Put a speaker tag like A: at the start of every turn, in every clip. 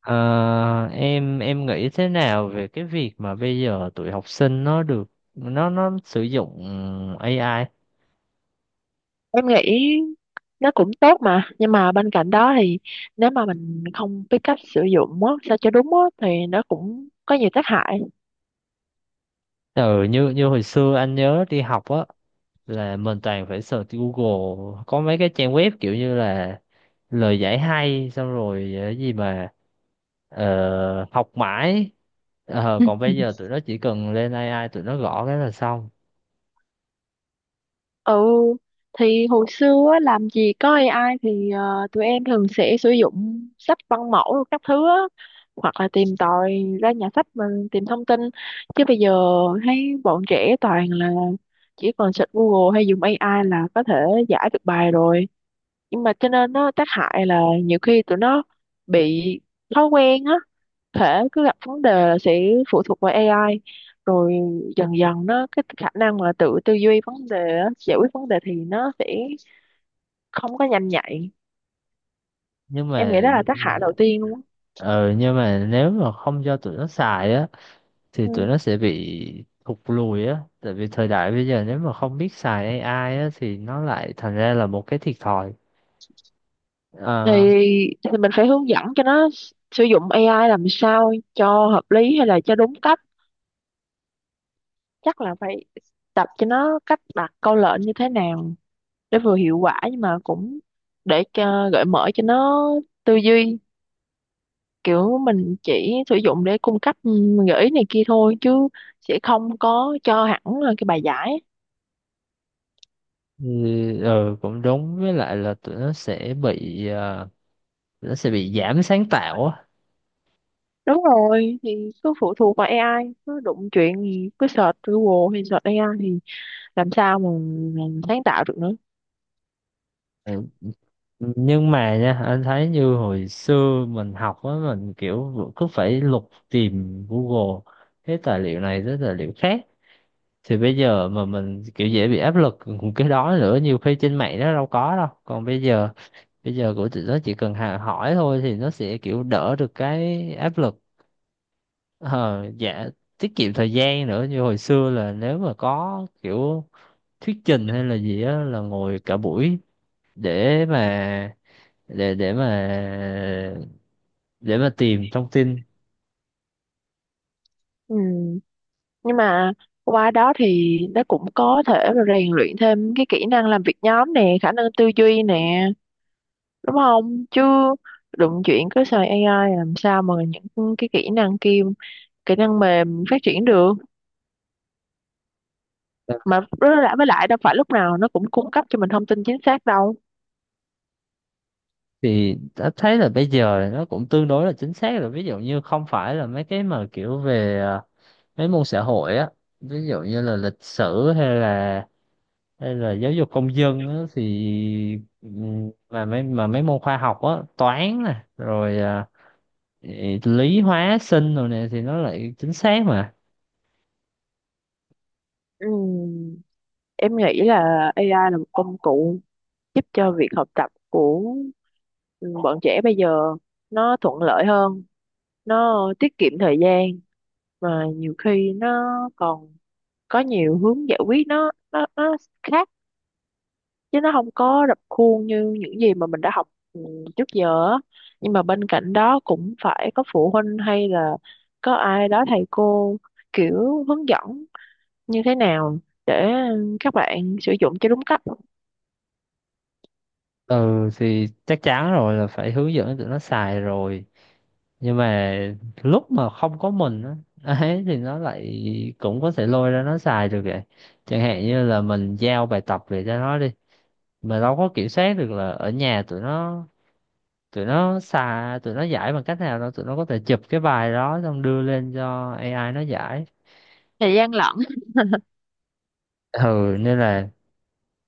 A: Ờ, em nghĩ thế nào về cái việc mà bây giờ tụi học sinh nó được nó sử dụng AI.
B: Em nghĩ nó cũng tốt mà, nhưng mà bên cạnh đó thì nếu mà mình không biết cách sử dụng á sao cho đúng á thì nó cũng có nhiều tác hại.
A: Ừ, như như hồi xưa anh nhớ đi học á, là mình toàn phải search Google, có mấy cái trang web kiểu như là lời giải hay, xong rồi gì mà học mãi.
B: Ừ.
A: Còn bây giờ tụi nó chỉ cần lên AI, tụi nó gõ cái là xong.
B: Ừ, thì hồi xưa á, làm gì có AI thì tụi em thường sẽ sử dụng sách văn mẫu rồi các thứ á, hoặc là tìm tòi ra nhà sách mình tìm thông tin. Chứ bây giờ thấy bọn trẻ toàn là chỉ còn search Google hay dùng AI là có thể giải được bài rồi. Nhưng mà cho nên nó tác hại là nhiều khi tụi nó bị thói quen á, thể cứ gặp vấn đề là sẽ phụ thuộc vào AI, rồi dần dần nó cái khả năng mà tự tư duy vấn đề á, giải quyết vấn đề thì nó sẽ không có nhanh nhạy.
A: nhưng
B: Em nghĩ
A: mà
B: đó là tác
A: ừ,
B: hại đầu tiên luôn á.
A: ờ, nhưng mà nếu mà không cho tụi nó xài á, thì tụi
B: Ừ.
A: nó sẽ bị thụt lùi á, tại vì thời đại bây giờ nếu mà không biết xài AI á, thì nó lại thành ra là một cái thiệt thòi.
B: thì
A: Ờ,
B: thì mình phải hướng dẫn cho nó sử dụng AI làm sao cho hợp lý hay là cho đúng cách. Chắc là phải tập cho nó cách đặt câu lệnh như thế nào để vừa hiệu quả, nhưng mà cũng để cho, gợi mở cho nó tư duy. Kiểu mình chỉ sử dụng để cung cấp gợi ý này kia thôi, chứ sẽ không có cho hẳn là cái bài giải.
A: ừ, ừ, cũng đúng, với lại là tụi nó sẽ bị giảm sáng tạo á.
B: Đúng rồi, thì cứ phụ thuộc vào AI, cứ đụng chuyện thì cứ search Google hay search AI thì làm sao mà mình sáng tạo được nữa.
A: Ừ, nhưng mà nha, anh thấy như hồi xưa mình học á, mình kiểu cứ phải lục tìm Google cái tài liệu này tới tài liệu khác, thì bây giờ mà mình kiểu dễ bị áp lực cái đó nữa, nhiều khi trên mạng nó đâu có đâu. Còn bây giờ của tụi nó chỉ cần hỏi thôi, thì nó sẽ kiểu đỡ được cái áp lực. Ờ, dạ, tiết kiệm thời gian nữa. Như hồi xưa là nếu mà có kiểu thuyết trình hay là gì á, là ngồi cả buổi để mà để để mà để mà tìm thông tin.
B: Ừ. Nhưng mà qua đó thì nó cũng có thể là rèn luyện thêm cái kỹ năng làm việc nhóm nè, khả năng tư duy nè, đúng không? Chứ đụng chuyện cứ xài AI làm sao mà những cái kỹ năng kia, kỹ năng mềm phát triển được. Mà với lại đâu phải lúc nào nó cũng cung cấp cho mình thông tin chính xác đâu.
A: Thì đã thấy là bây giờ nó cũng tương đối là chính xác rồi, ví dụ như không phải là mấy cái mà kiểu về mấy môn xã hội á, ví dụ như là lịch sử, hay là giáo dục công dân á, thì mà mấy môn khoa học á, toán nè, rồi lý hóa sinh rồi nè, thì nó lại chính xác mà.
B: Ừm, em nghĩ là AI là một công cụ giúp cho việc học tập của bọn trẻ bây giờ nó thuận lợi hơn, nó tiết kiệm thời gian, mà nhiều khi nó còn có nhiều hướng giải quyết, nó khác, chứ nó không có rập khuôn như những gì mà mình đã học trước giờ á. Nhưng mà bên cạnh đó cũng phải có phụ huynh hay là có ai đó, thầy cô kiểu hướng dẫn như thế nào để các bạn sử dụng cho đúng cách.
A: Ừ, thì chắc chắn rồi, là phải hướng dẫn tụi nó xài rồi. Nhưng mà lúc mà không có mình á ấy, thì nó lại cũng có thể lôi ra nó xài được vậy. Chẳng hạn như là mình giao bài tập về cho nó đi, mà đâu có kiểm soát được là ở nhà tụi nó giải bằng cách nào. Đó, tụi nó có thể chụp cái bài đó xong đưa lên cho AI nó giải.
B: Thời gian lận.
A: Ừ, nên là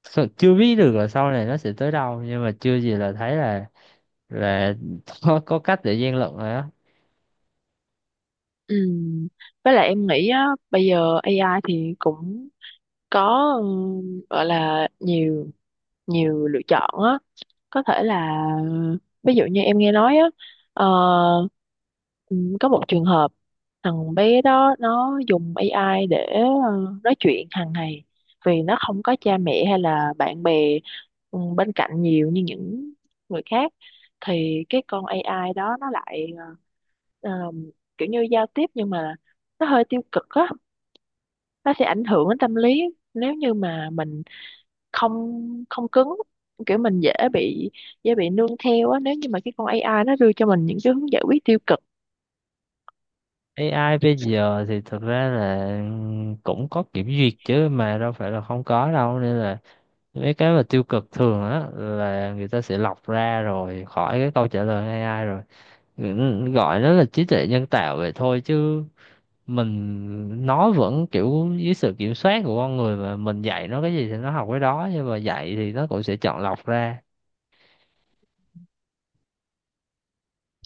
A: chưa biết được là sau này nó sẽ tới đâu, nhưng mà chưa gì là thấy là là có cách để gian lận rồi á.
B: Ừ. Với lại em nghĩ á, bây giờ AI thì cũng có, gọi là nhiều nhiều lựa chọn á. Có thể là, ví dụ như em nghe nói á, ờ, có một trường hợp thằng bé đó nó dùng AI để nói chuyện hàng ngày, vì nó không có cha mẹ hay là bạn bè bên cạnh nhiều như những người khác. Thì cái con AI đó nó lại ờ, ờm, kiểu như giao tiếp, nhưng mà nó hơi tiêu cực á, nó sẽ ảnh hưởng đến tâm lý nếu như mà mình không, không cứng, kiểu mình dễ bị, nương theo á, nếu như mà cái con AI nó đưa cho mình những cái hướng giải quyết tiêu cực.
A: AI bây giờ thì thực ra là cũng có kiểm duyệt chứ, mà đâu phải là không có đâu, nên là mấy cái mà tiêu cực thường á, là người ta sẽ lọc ra rồi khỏi cái câu trả lời AI rồi. Ừ, gọi nó là trí tuệ nhân tạo vậy thôi, chứ mình, nó vẫn kiểu dưới sự kiểm soát của con người, mà mình dạy nó cái gì thì nó học cái đó, nhưng mà dạy thì nó cũng sẽ chọn lọc ra.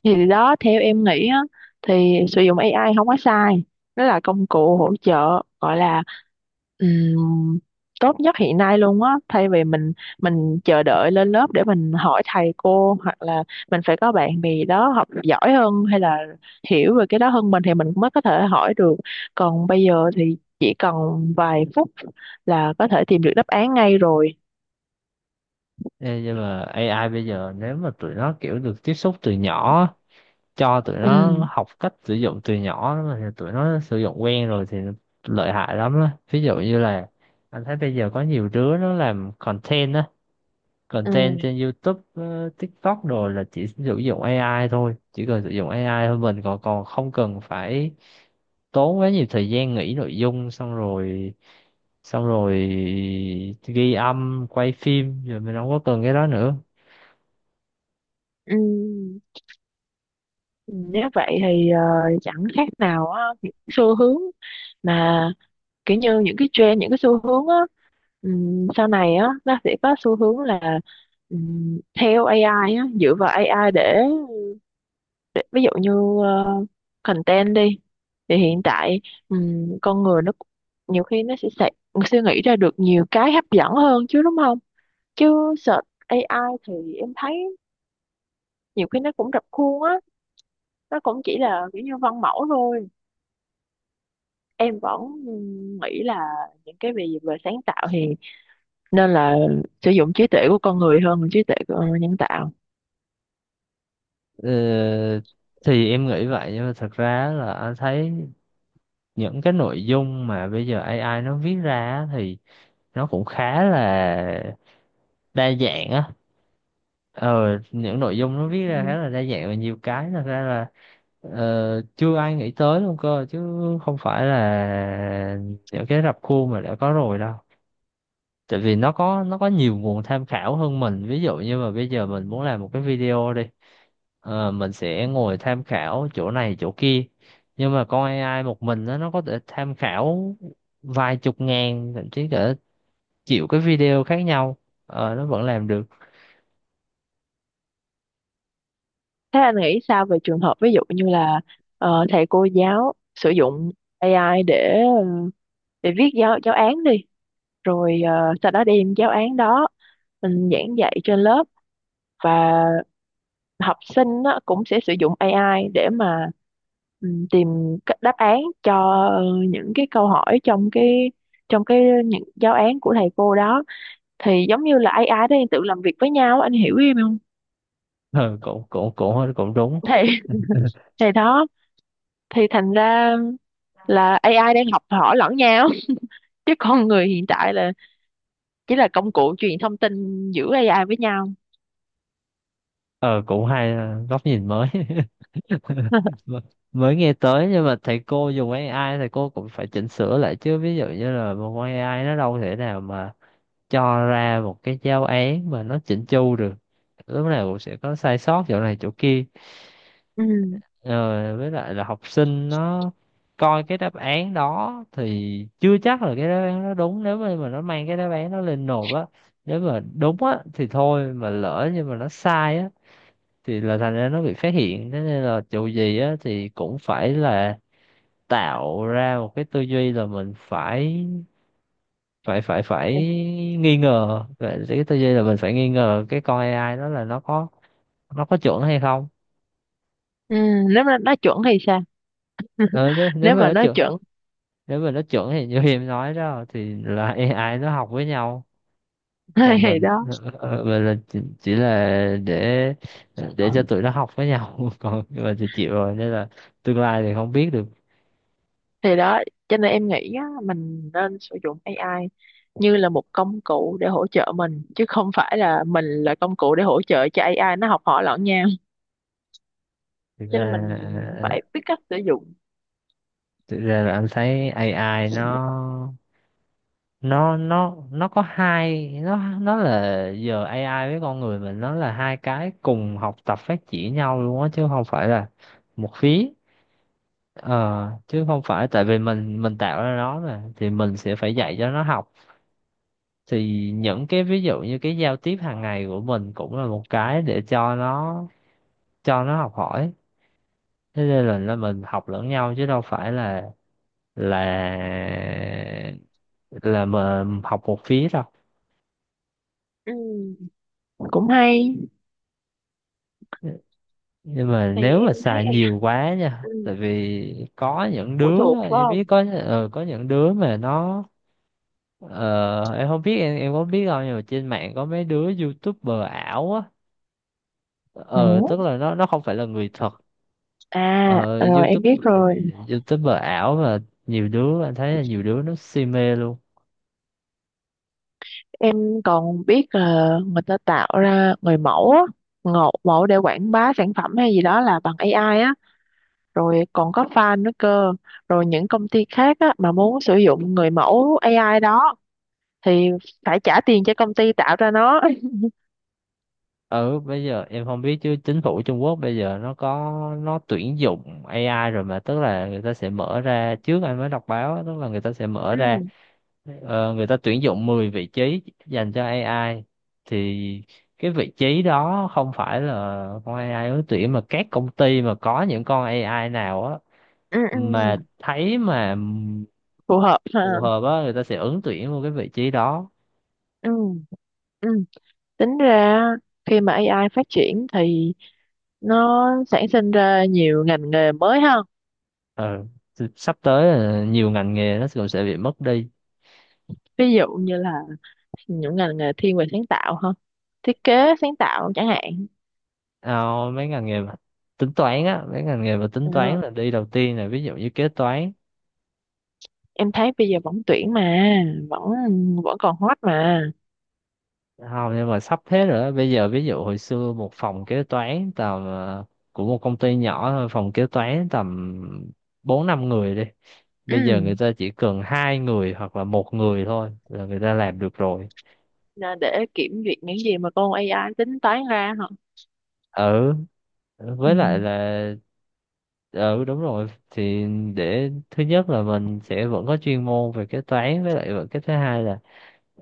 B: Thì đó, theo em nghĩ á, thì sử dụng AI không có sai, nó là công cụ hỗ trợ gọi là Ừm, tốt nhất hiện nay luôn á, thay vì mình chờ đợi lên lớp để mình hỏi thầy cô, hoặc là mình phải có bạn bè đó học giỏi hơn hay là hiểu về cái đó hơn mình thì mình mới có thể hỏi được. Còn bây giờ thì chỉ cần vài phút là có thể tìm được đáp án ngay rồi.
A: Ê, nhưng mà AI bây giờ nếu mà tụi nó kiểu được tiếp xúc từ nhỏ, cho tụi nó
B: Ừ.
A: học cách sử dụng từ nhỏ mà, thì tụi nó sử dụng quen rồi thì lợi hại lắm đó. Ví dụ như là anh thấy bây giờ có nhiều đứa nó làm content á,
B: Ừ.
A: content trên YouTube, TikTok đồ, là chỉ sử dụng AI thôi, chỉ cần sử dụng AI thôi, mình còn còn không cần phải tốn quá nhiều thời gian nghĩ nội dung. Xong rồi xong rồi ghi âm, quay phim rồi, mình không có cần cái đó nữa.
B: Ừ, nếu vậy thì chẳng khác nào á, những xu hướng mà kiểu như những cái trend, những cái xu hướng á, sau này á nó sẽ có xu hướng là, theo AI á, dựa vào AI để ví dụ như ờ, content đi, thì hiện tại con người nó nhiều khi nó sẽ suy nghĩ ra được nhiều cái hấp dẫn hơn chứ, đúng không? Chứ search AI thì em thấy nhiều khi nó cũng rập khuôn á, nó cũng chỉ là kiểu như văn mẫu thôi. Em vẫn nghĩ là những cái về về sáng tạo thì nên là sử dụng trí tuệ của con người hơn là trí tuệ của nhân tạo.
A: Ờ, thì em nghĩ vậy, nhưng mà thật ra là anh thấy những cái nội dung mà bây giờ AI nó viết ra á, thì nó cũng khá là đa dạng á. Ờ, những nội dung nó viết ra khá là đa dạng, và nhiều cái thật ra là chưa ai nghĩ tới luôn cơ, chứ không phải là những cái rập khuôn mà đã có rồi đâu. Tại vì nó có, nó có nhiều nguồn tham khảo hơn mình. Ví dụ như mà bây giờ mình muốn làm một cái video đi, mình sẽ ngồi tham khảo chỗ này chỗ kia, nhưng mà con AI một mình nó có thể tham khảo vài chục ngàn, thậm chí cả triệu cái video khác nhau, nó vẫn làm được.
B: Thế anh nghĩ sao về trường hợp ví dụ như là thầy cô giáo sử dụng AI để để viết giáo giáo án đi, rồi sau đó đem giáo án đó mình giảng dạy trên lớp, và học sinh á, cũng sẽ sử dụng AI để mà tìm các đáp án cho ờ, những cái câu hỏi trong cái, những giáo án của thầy cô đó, thì giống như là AI đó đang tự làm việc với nhau, anh hiểu em không?
A: Ờ, cũng cũng cũng cũng đúng.
B: Thì thì đó, thì thành ra là AI đang học hỏi lẫn nhau, chứ con người hiện tại là chỉ là công cụ truyền thông tin giữa AI với nhau.
A: Ờ, Cũng hay, góc nhìn mới. M- Mới nghe tới. Nhưng mà thầy cô dùng AI, thầy cô cũng phải chỉnh sửa lại chứ, ví dụ như là một con AI nó đâu thể nào mà cho ra một cái giáo án mà nó chỉnh chu được, lúc nào cũng sẽ có sai sót chỗ này chỗ kia.
B: Ừ.
A: ờ, với lại là học sinh nó coi cái đáp án đó thì chưa chắc là cái đáp án nó đúng. Nếu mà nó mang cái đáp án nó lên nộp á, nếu mà đúng á thì thôi, mà lỡ nhưng mà nó sai á, thì là thành ra nó bị phát hiện. Thế nên là dù gì á, thì cũng phải là tạo ra một cái tư duy là mình phải phải nghi ngờ. Vậy, cái tư duy là mình phải nghi ngờ cái con AI đó là nó có, nó có chuẩn hay không.
B: Ừ. Nếu mà nó chuẩn thì sao?
A: Ừ, nếu nếu
B: Nếu
A: mà
B: mà
A: nó
B: nó
A: chuẩn
B: chuẩn.
A: nếu mà nó chuẩn thì như em nói đó, thì là AI nó học với nhau, còn
B: Thì
A: mình
B: đó,
A: mình là chỉ là để cho tụi nó học với nhau. Còn mình thì chịu rồi, nên là tương lai thì không biết được.
B: thì đó cho nên em nghĩ á, mình nên sử dụng AI như là một công cụ để hỗ trợ mình, chứ không phải là mình là công cụ để hỗ trợ cho AI nó học hỏi lẫn nhau.
A: Thực
B: Cho
A: ra
B: nên mình
A: à, à, à,
B: phải biết cách sử dụng.
A: Thực ra là anh thấy AI nó, nó có hai nó là giờ AI với con người mình nó là hai cái cùng học tập phát triển nhau luôn á, chứ không phải là một phía. Ờ, Chứ không phải tại vì mình tạo ra nó mà thì mình sẽ phải dạy cho nó học. Thì những cái ví dụ như cái giao tiếp hàng ngày của mình cũng là một cái để cho nó, cho nó học hỏi. Thế nên là, mình học lẫn nhau, chứ đâu phải là là là mà học một phía đâu.
B: Ừ. Cũng hay.
A: Nhưng mà
B: Thì
A: nếu
B: em
A: mà
B: thấy
A: xài
B: AI,
A: nhiều quá nha,
B: ừ,
A: tại vì có những
B: phụ
A: đứa,
B: thuộc phải
A: em biết
B: không?
A: có những đứa mà nó, em không biết em có biết không, nhưng mà trên mạng có mấy đứa YouTuber ảo á,
B: Ừ.
A: ờ tức là nó không phải là người thật.
B: À,
A: ờ
B: rồi em
A: YouTube
B: biết rồi.
A: YouTuber ảo mà, nhiều đứa anh thấy là nhiều đứa nó si mê luôn.
B: Em còn biết là người ta tạo ra người mẫu á, ngộ mẫu để quảng bá sản phẩm hay gì đó là bằng AI á, rồi còn có fan nữa cơ. Rồi những công ty khác á mà muốn sử dụng người mẫu AI đó thì phải trả tiền cho công ty tạo ra nó.
A: Ừ, bây giờ em không biết chứ chính phủ Trung Quốc bây giờ nó, nó tuyển dụng AI rồi mà. Tức là người ta sẽ mở ra, trước anh mới đọc báo á, tức là người ta sẽ mở
B: Ừ,
A: ra, người ta tuyển dụng 10 vị trí dành cho AI, thì cái vị trí đó không phải là con AI ứng tuyển, mà các công ty mà có những con AI nào á,
B: ừ, ừ.
A: mà thấy mà
B: Phù hợp
A: phù
B: ha.
A: hợp á, người ta sẽ ứng tuyển vô cái vị trí đó.
B: Ừ, ừ. Tính ra khi mà AI phát triển thì nó sản sinh ra nhiều ngành nghề mới ha.
A: Ừ. Thì sắp tới là nhiều ngành nghề nó cũng sẽ bị mất đi.
B: Ví dụ như là những ngành nghề thiên về sáng tạo hơn, thiết kế sáng tạo chẳng hạn.
A: Ờ, Mấy ngành nghề mà tính toán á, mấy ngành nghề mà tính
B: Ờ,
A: toán là đi đầu tiên, là ví dụ như kế toán.
B: em thấy bây giờ vẫn tuyển mà, vẫn vẫn còn hot mà.
A: Không, nhưng mà sắp thế rồi đó. Bây giờ ví dụ hồi xưa, một phòng kế toán tầm của một công ty nhỏ thôi, phòng kế toán tầm bốn năm người đi, bây giờ người
B: Ừ.
A: ta chỉ cần hai người hoặc là một người thôi là người ta làm được rồi.
B: Nên để kiểm duyệt những gì mà con AI tính toán ra hả?
A: Ừ, với lại
B: Ừ.
A: là ừ đúng rồi, thì để thứ nhất là mình sẽ vẫn có chuyên môn về kế toán, với lại vẫn, cái thứ hai là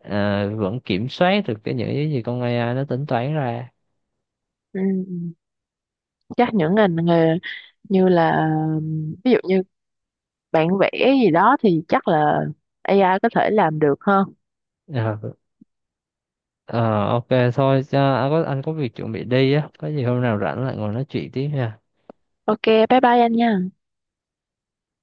A: vẫn kiểm soát được cái những cái gì con AI nó tính toán ra.
B: Ừ. Ừ, chắc những ngành nghề như là ví dụ như bạn vẽ gì đó thì chắc là AI có thể làm được hơn.
A: Ờ, Ờ ok, thôi cho anh có việc chuẩn bị đi á, có gì hôm nào rảnh lại ngồi nói chuyện tiếp nha.
B: OK, bye bye anh nha.